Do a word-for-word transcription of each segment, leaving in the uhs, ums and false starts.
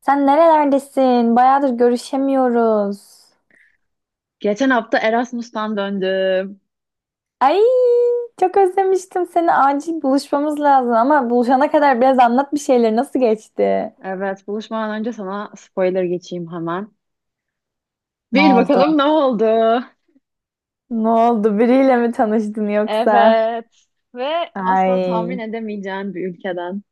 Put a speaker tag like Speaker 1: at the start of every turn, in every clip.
Speaker 1: Sen nerelerdesin? Bayağıdır görüşemiyoruz.
Speaker 2: Geçen hafta Erasmus'tan döndüm.
Speaker 1: Ay, çok özlemiştim seni. Acil buluşmamız lazım ama buluşana kadar biraz anlat bir şeyler. Nasıl geçti?
Speaker 2: Evet, buluşmadan önce sana spoiler geçeyim hemen.
Speaker 1: Ne
Speaker 2: Bil
Speaker 1: oldu?
Speaker 2: bakalım ne oldu?
Speaker 1: Ne oldu? Biriyle mi tanıştın yoksa?
Speaker 2: Evet. Ve asla tahmin
Speaker 1: Ay,
Speaker 2: edemeyeceğin bir ülkeden.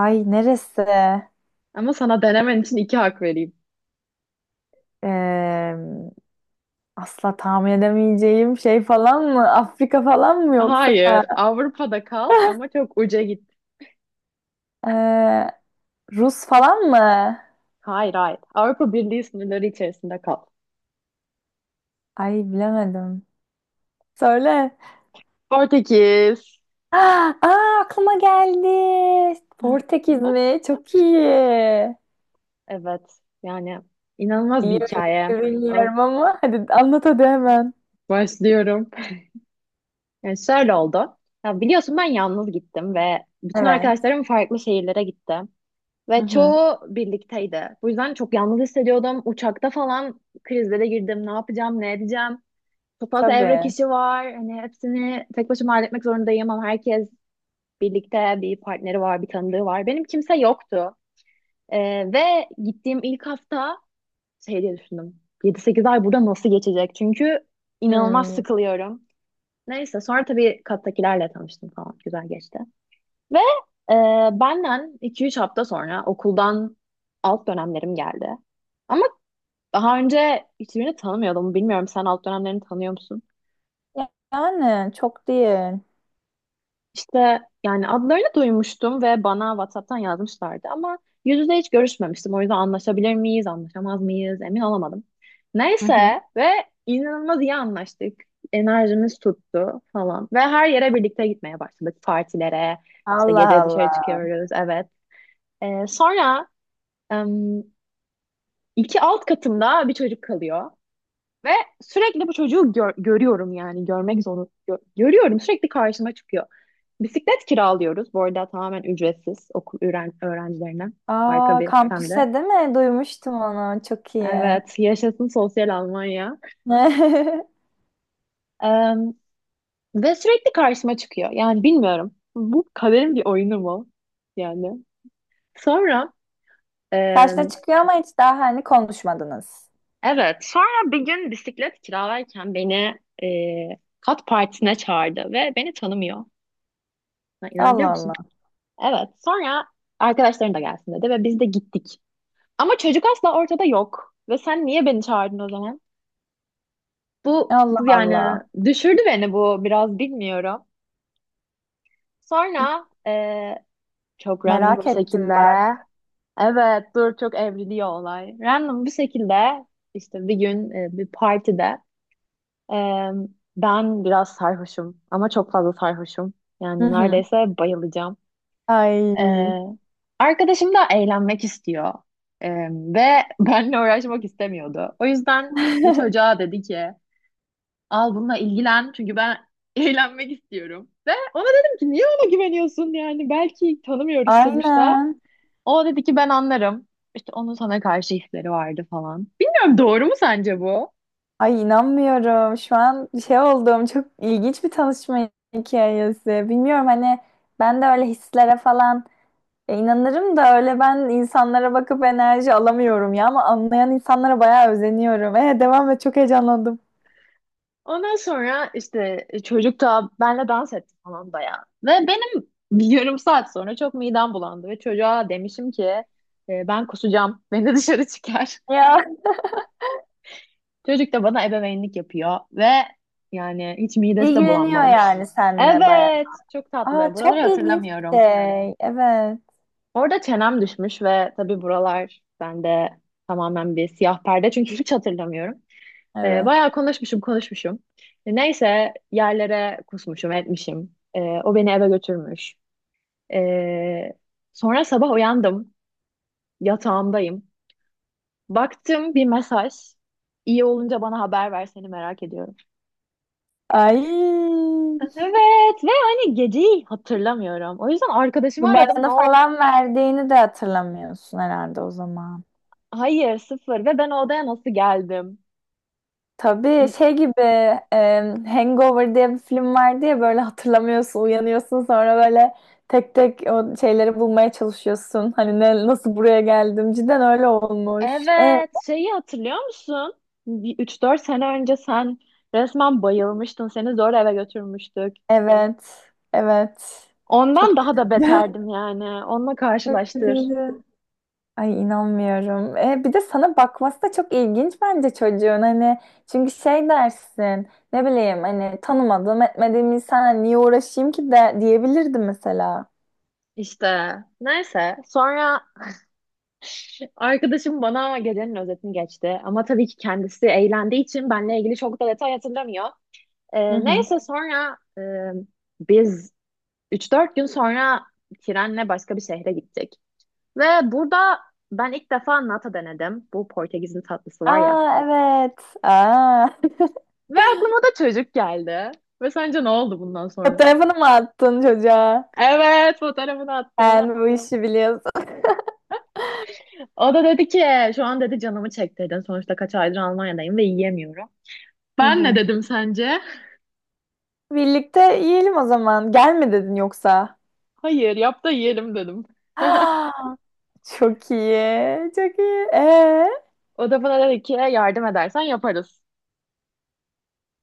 Speaker 1: ay neresi?
Speaker 2: Ama sana denemen için iki hak vereyim.
Speaker 1: Ee, Asla tahmin edemeyeceğim şey falan mı? Afrika falan mı yoksa?
Speaker 2: Hayır, Avrupa'da kal ama çok uca git.
Speaker 1: Ee, Rus falan mı?
Speaker 2: Hayır, hayır. Avrupa Birliği sınırları içerisinde kal.
Speaker 1: Ay bilemedim. Söyle.
Speaker 2: Portekiz.
Speaker 1: Aa, aa, aklıma geldi. Portekiz mi? Çok iyi.
Speaker 2: Evet, yani inanılmaz bir
Speaker 1: İyi
Speaker 2: hikaye.
Speaker 1: bilgi
Speaker 2: Ö-
Speaker 1: bilmiyorum ama hadi anlat hadi hemen.
Speaker 2: Başlıyorum. Yani şöyle oldu. Ya biliyorsun ben yalnız gittim ve bütün
Speaker 1: Evet.
Speaker 2: arkadaşlarım farklı şehirlere gitti.
Speaker 1: Hı
Speaker 2: Ve
Speaker 1: hı.
Speaker 2: çoğu birlikteydi. Bu yüzden çok yalnız hissediyordum. Uçakta falan krizlere girdim. Ne yapacağım, ne edeceğim? Çok fazla evrak
Speaker 1: Tabii.
Speaker 2: işi var. Hani hepsini tek başıma halletmek zorundayım ama herkes birlikte bir partneri var, bir tanıdığı var. Benim kimse yoktu. Ee, ve gittiğim ilk hafta şey diye düşündüm. yedi sekiz ay burada nasıl geçecek? Çünkü inanılmaz
Speaker 1: Hmm.
Speaker 2: sıkılıyorum. Neyse sonra tabii kattakilerle tanıştım falan. Güzel geçti. Ve e, benden iki üç hafta sonra okuldan alt dönemlerim geldi. Ama daha önce hiçbirini tanımıyordum. Bilmiyorum sen alt dönemlerini tanıyor musun?
Speaker 1: Yani çok değil.
Speaker 2: İşte yani adlarını duymuştum ve bana WhatsApp'tan yazmışlardı ama yüz yüze hiç görüşmemiştim. O yüzden anlaşabilir miyiz, anlaşamaz mıyız emin olamadım.
Speaker 1: Hı hı.
Speaker 2: Neyse ve inanılmaz iyi anlaştık. Enerjimiz tuttu falan ve her yere birlikte gitmeye başladık. Partilere, işte
Speaker 1: Allah
Speaker 2: gece dışarı
Speaker 1: Allah.
Speaker 2: çıkıyoruz, evet. Ee, sonra em, iki alt katımda bir çocuk kalıyor. Ve sürekli bu çocuğu gör- görüyorum yani görmek zorunda gö- görüyorum sürekli karşıma çıkıyor. Bisiklet kiralıyoruz. Bu arada tamamen ücretsiz okul öğren öğrencilerine. Harika
Speaker 1: Aa,
Speaker 2: bir sistemde.
Speaker 1: kampüse değil mi? Duymuştum onu. Çok iyi.
Speaker 2: Evet, yaşasın sosyal Almanya. Ee, ve sürekli karşıma çıkıyor. Yani bilmiyorum. Bu kaderin bir oyunu mu? Yani. Sonra e,
Speaker 1: Karşına çıkıyor ama hiç daha hani konuşmadınız.
Speaker 2: evet, sonra bir gün bisiklet kiralarken beni e, kat partisine çağırdı ve beni tanımıyor. Ya, İnanabiliyor
Speaker 1: Allah
Speaker 2: musun?
Speaker 1: Allah.
Speaker 2: Evet. Sonra arkadaşların da gelsin dedi ve biz de gittik. Ama çocuk asla ortada yok. Ve sen niye beni çağırdın o zaman? Bu,
Speaker 1: Allah
Speaker 2: bu yani
Speaker 1: Allah.
Speaker 2: düşürdü beni bu biraz bilmiyorum. Sonra eee, çok random
Speaker 1: Merak
Speaker 2: bir
Speaker 1: ettim
Speaker 2: şekilde
Speaker 1: bak.
Speaker 2: evet dur çok evriliyor olay. Random bir şekilde işte bir gün e, bir partide eee, ben biraz sarhoşum ama çok fazla sarhoşum.
Speaker 1: Hı
Speaker 2: Yani
Speaker 1: hı.
Speaker 2: neredeyse bayılacağım.
Speaker 1: Ay.
Speaker 2: Ee, arkadaşım da eğlenmek istiyor. Ee, ve benle uğraşmak istemiyordu. O yüzden bu çocuğa dedi ki al bununla ilgilen çünkü ben eğlenmek istiyorum. Ve ona dedim ki niye ona güveniyorsun yani belki tanımıyoruz sonuçta.
Speaker 1: Aynen.
Speaker 2: O dedi ki ben anlarım. İşte onun sana karşı hisleri vardı falan. Bilmiyorum doğru mu sence bu?
Speaker 1: Ay inanmıyorum. Şu an şey oldum. Çok ilginç bir tanışma hikayesi. Bilmiyorum hani ben de öyle hislere falan e, inanırım da öyle ben insanlara bakıp enerji alamıyorum ya ama anlayan insanlara bayağı özeniyorum. E, devam et çok heyecanlandım.
Speaker 2: Ondan sonra işte e, çocuk da benle dans etti falan bayağı. Ve benim bir yarım saat sonra çok midem bulandı ve çocuğa demişim ki "E, ben kusacağım. Beni dışarı çıkar.
Speaker 1: Ya
Speaker 2: Çocuk da bana ebeveynlik yapıyor ve yani hiç midesi de
Speaker 1: ilgileniyor
Speaker 2: bulanmamış.
Speaker 1: yani seninle bayağı.
Speaker 2: Evet, çok
Speaker 1: Aa
Speaker 2: tatlı. Buraları
Speaker 1: çok ilginç bir
Speaker 2: hatırlamıyorum.
Speaker 1: şey. Evet.
Speaker 2: Orada çenem düşmüş ve tabii buralar bende tamamen bir siyah perde çünkü hiç hatırlamıyorum. Ee,
Speaker 1: Evet.
Speaker 2: bayağı konuşmuşum konuşmuşum. E, Neyse yerlere kusmuşum etmişim. Ee, o beni eve götürmüş. Ee, sonra sabah uyandım. Yatağımdayım. Baktım bir mesaj. İyi olunca bana haber ver seni merak ediyorum.
Speaker 1: Ay
Speaker 2: Evet ve hani geceyi hatırlamıyorum. O yüzden arkadaşımı aradım ne
Speaker 1: numaranı
Speaker 2: oldu?
Speaker 1: falan verdiğini de hatırlamıyorsun herhalde o zaman.
Speaker 2: Hayır sıfır ve ben o odaya nasıl geldim?
Speaker 1: Tabii
Speaker 2: İ-
Speaker 1: şey gibi e, Hangover diye bir film vardı ya böyle hatırlamıyorsun, uyanıyorsun sonra böyle tek tek o şeyleri bulmaya çalışıyorsun. Hani ne, nasıl buraya geldim? Cidden öyle olmuş. E,
Speaker 2: Evet şeyi hatırlıyor musun? Bir üç dört sene önce sen resmen bayılmıştın. Seni zor eve götürmüştük.
Speaker 1: evet. Evet.
Speaker 2: Ondan
Speaker 1: Çok
Speaker 2: daha
Speaker 1: kötü.
Speaker 2: da beterdim yani. Onunla
Speaker 1: Çok
Speaker 2: karşılaştır.
Speaker 1: kötüydü. Ay inanmıyorum. E, bir de sana bakması da çok ilginç bence çocuğun hani çünkü şey dersin ne bileyim hani tanımadığım etmediğim insan niye uğraşayım ki de diyebilirdi mesela.
Speaker 2: İşte neyse sonra arkadaşım bana gecenin özetini geçti. Ama tabii ki kendisi eğlendiği için benle ilgili çok da detay hatırlamıyor.
Speaker 1: Hı
Speaker 2: Ee,
Speaker 1: hı.
Speaker 2: neyse sonra e, biz üç dört gün sonra trenle başka bir şehre gittik. Ve burada ben ilk defa nata denedim. Bu Portekiz'in tatlısı var ya.
Speaker 1: Aa evet. Aa.
Speaker 2: Ve aklıma da çocuk geldi. Ve sence ne oldu bundan sonra?
Speaker 1: Fotoğrafını mı attın çocuğa?
Speaker 2: Evet, fotoğrafını attım.
Speaker 1: Sen bu işi biliyorsun.
Speaker 2: O da dedi ki şu an dedi canımı çektirdin. Sonuçta kaç aydır Almanya'dayım ve yiyemiyorum.
Speaker 1: Hı
Speaker 2: Ben ne
Speaker 1: hı.
Speaker 2: dedim sence?
Speaker 1: Birlikte yiyelim o zaman. Gel mi dedin yoksa?
Speaker 2: Hayır yap da yiyelim dedim.
Speaker 1: Ah, çok iyi. Çok iyi. Ee,
Speaker 2: O da bana dedi ki yardım edersen yaparız.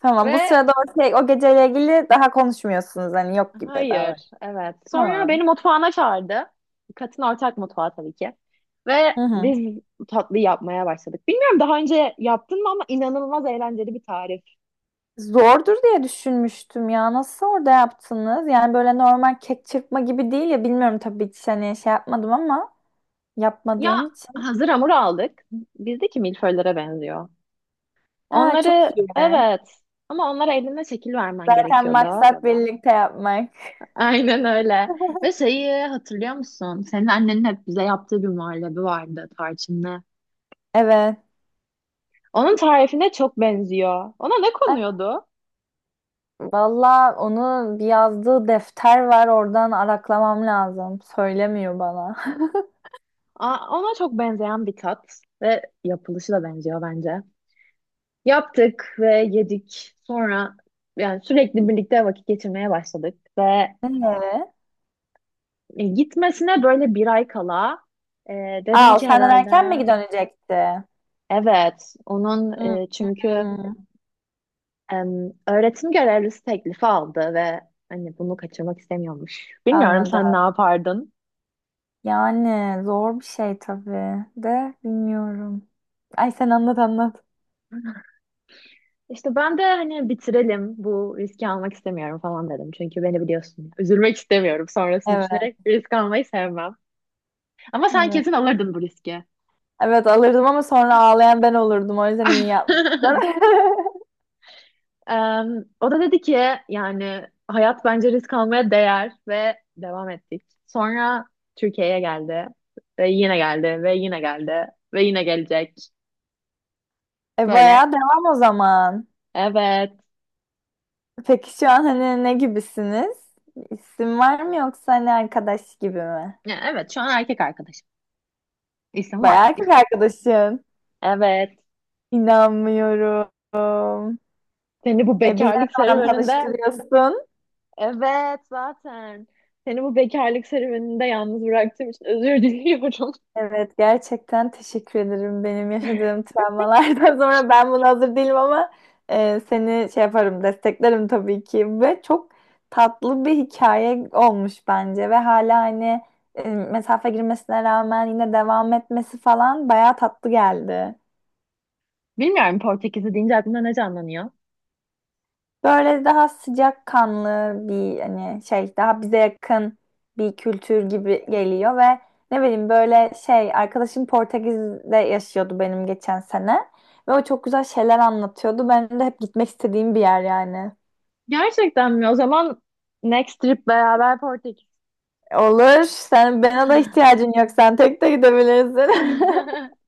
Speaker 1: Tamam bu
Speaker 2: Ve
Speaker 1: sırada o, şey, o geceyle ilgili daha konuşmuyorsunuz. Hani yok gibi
Speaker 2: hayır
Speaker 1: davran.
Speaker 2: evet. Sonra beni
Speaker 1: Tamam.
Speaker 2: mutfağına çağırdı. Katın ortak mutfağı tabii ki. Ve
Speaker 1: Hı hı.
Speaker 2: biz tatlı yapmaya başladık. Bilmiyorum daha önce yaptın mı ama inanılmaz eğlenceli bir tarif.
Speaker 1: Zordur diye düşünmüştüm ya. Nasıl orada yaptınız? Yani böyle normal kek çırpma gibi değil ya. Bilmiyorum tabii hiç hani şey yapmadım ama
Speaker 2: Ya
Speaker 1: yapmadığım için.
Speaker 2: hazır hamur aldık. Bizdeki milföylere benziyor.
Speaker 1: Aa, çok
Speaker 2: Onları
Speaker 1: iyi.
Speaker 2: evet ama onlara eline şekil vermen
Speaker 1: Zaten
Speaker 2: gerekiyordu.
Speaker 1: maksat birlikte yapmak.
Speaker 2: Aynen öyle. Ve şeyi hatırlıyor musun? Senin annenin hep bize yaptığı bir muhallebi vardı tarçınlı.
Speaker 1: Evet.
Speaker 2: Onun tarifine çok benziyor. Ona ne konuyordu?
Speaker 1: Valla onu bir yazdığı defter var oradan araklamam lazım. Söylemiyor bana.
Speaker 2: Aa, ona çok benzeyen bir tat ve yapılışı da benziyor bence. Yaptık ve yedik. Sonra yani sürekli birlikte vakit geçirmeye başladık ve
Speaker 1: Evet.
Speaker 2: e, gitmesine böyle bir ay kala e, dedim
Speaker 1: Aa o
Speaker 2: ki
Speaker 1: senden Ee,
Speaker 2: herhalde.
Speaker 1: erken mi dönecekti?
Speaker 2: Evet, onun
Speaker 1: Hmm,
Speaker 2: e, çünkü em, öğretim görevlisi teklifi aldı ve hani bunu kaçırmak istemiyormuş. Bilmiyorum
Speaker 1: anladım.
Speaker 2: sen ne yapardın?
Speaker 1: Yani zor bir şey tabii de bilmiyorum. Ay sen anlat anlat.
Speaker 2: İşte ben de hani bitirelim bu riski almak istemiyorum falan dedim. Çünkü beni biliyorsun. Üzülmek istemiyorum sonrasını
Speaker 1: Evet.
Speaker 2: düşünerek risk almayı sevmem. Ama sen
Speaker 1: Evet.
Speaker 2: kesin alırdın bu riski.
Speaker 1: Evet alırdım ama sonra ağlayan ben olurdum. O yüzden iyi yapmışsın.
Speaker 2: Em, o da dedi ki yani hayat bence risk almaya değer ve devam ettik. Sonra Türkiye'ye geldi ve yine geldi ve yine geldi ve yine gelecek.
Speaker 1: E
Speaker 2: Böyle
Speaker 1: bayağı devam o zaman.
Speaker 2: evet.
Speaker 1: Peki şu an hani ne gibisiniz? İsim var mı yoksa hani arkadaş gibi mi?
Speaker 2: Ya, evet şu an erkek arkadaşım. İsim var.
Speaker 1: Bayağı erkek arkadaşın.
Speaker 2: Evet.
Speaker 1: İnanmıyorum.
Speaker 2: Seni bu
Speaker 1: E bizi ne
Speaker 2: bekarlık
Speaker 1: zaman
Speaker 2: serüveninde
Speaker 1: tanıştırıyorsun?
Speaker 2: evet zaten. Seni bu bekarlık serüveninde yalnız bıraktığım için özür diliyorum.
Speaker 1: Evet gerçekten teşekkür ederim. Benim yaşadığım travmalardan sonra ben buna hazır değilim ama e, seni şey yaparım desteklerim tabii ki. Ve çok tatlı bir hikaye olmuş bence ve hala hani e, mesafe girmesine rağmen yine devam etmesi falan bayağı tatlı geldi.
Speaker 2: Bilmiyorum Portekiz'i deyince aklına ne canlanıyor?
Speaker 1: Böyle daha sıcakkanlı bir hani şey daha bize yakın bir kültür gibi geliyor ve ne bileyim böyle şey arkadaşım Portekiz'de yaşıyordu benim geçen sene ve o çok güzel şeyler anlatıyordu. Ben de hep gitmek istediğim bir yer yani.
Speaker 2: Gerçekten mi? O zaman next trip beraber.
Speaker 1: Olur. Sen bana da
Speaker 2: Ah.
Speaker 1: ihtiyacın yok. Sen tek de gidebilirsin.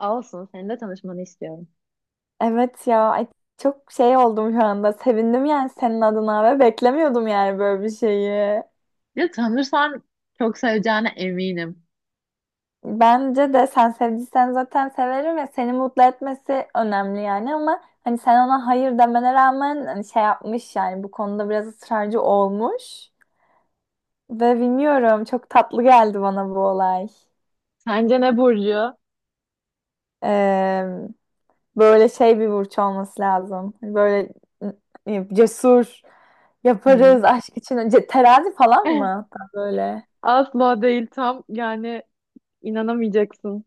Speaker 2: Olsun, seninle tanışmanı istiyorum.
Speaker 1: Evet ya ay çok şey oldum şu anda. Sevindim yani senin adına ve beklemiyordum yani böyle bir şeyi.
Speaker 2: Ya tanırsan çok seveceğine eminim.
Speaker 1: Bence de sen sevdiysen zaten severim ve seni mutlu etmesi önemli yani ama hani sen ona hayır demene rağmen hani şey yapmış yani bu konuda biraz ısrarcı olmuş ve bilmiyorum çok tatlı geldi bana bu olay.
Speaker 2: Sence ne Burcu?
Speaker 1: Ee, Böyle şey bir burç olması lazım. Böyle e, cesur
Speaker 2: Hı.
Speaker 1: yaparız aşk için. Ce- Terazi falan mı? Hatta böyle.
Speaker 2: Asla değil tam yani inanamayacaksın.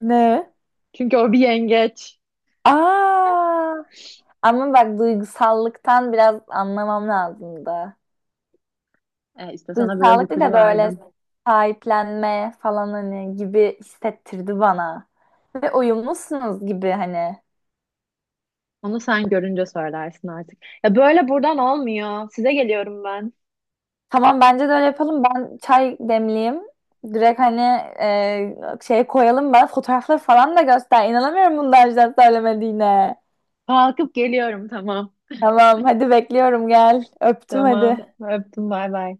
Speaker 1: Ne?
Speaker 2: Çünkü o bir yengeç.
Speaker 1: Aa! Ama bak duygusallıktan biraz anlamam lazım da.
Speaker 2: E, işte sana biraz
Speaker 1: Duygusallık değil
Speaker 2: ipucu
Speaker 1: de böyle
Speaker 2: verdim.
Speaker 1: sahiplenme falan hani gibi hissettirdi bana. Ve uyumlusunuz gibi hani.
Speaker 2: Onu sen görünce söylersin artık. Ya böyle buradan olmuyor. Size geliyorum ben.
Speaker 1: Tamam bence de öyle yapalım. Ben çay demleyeyim. Direkt hani e, şey koyalım bana fotoğrafları falan da göster. İnanamıyorum bundan önceden söylemediğine.
Speaker 2: Kalkıp geliyorum tamam.
Speaker 1: Tamam hadi bekliyorum gel. Öptüm
Speaker 2: Tamam.
Speaker 1: hadi.
Speaker 2: Öptüm. Bay bay.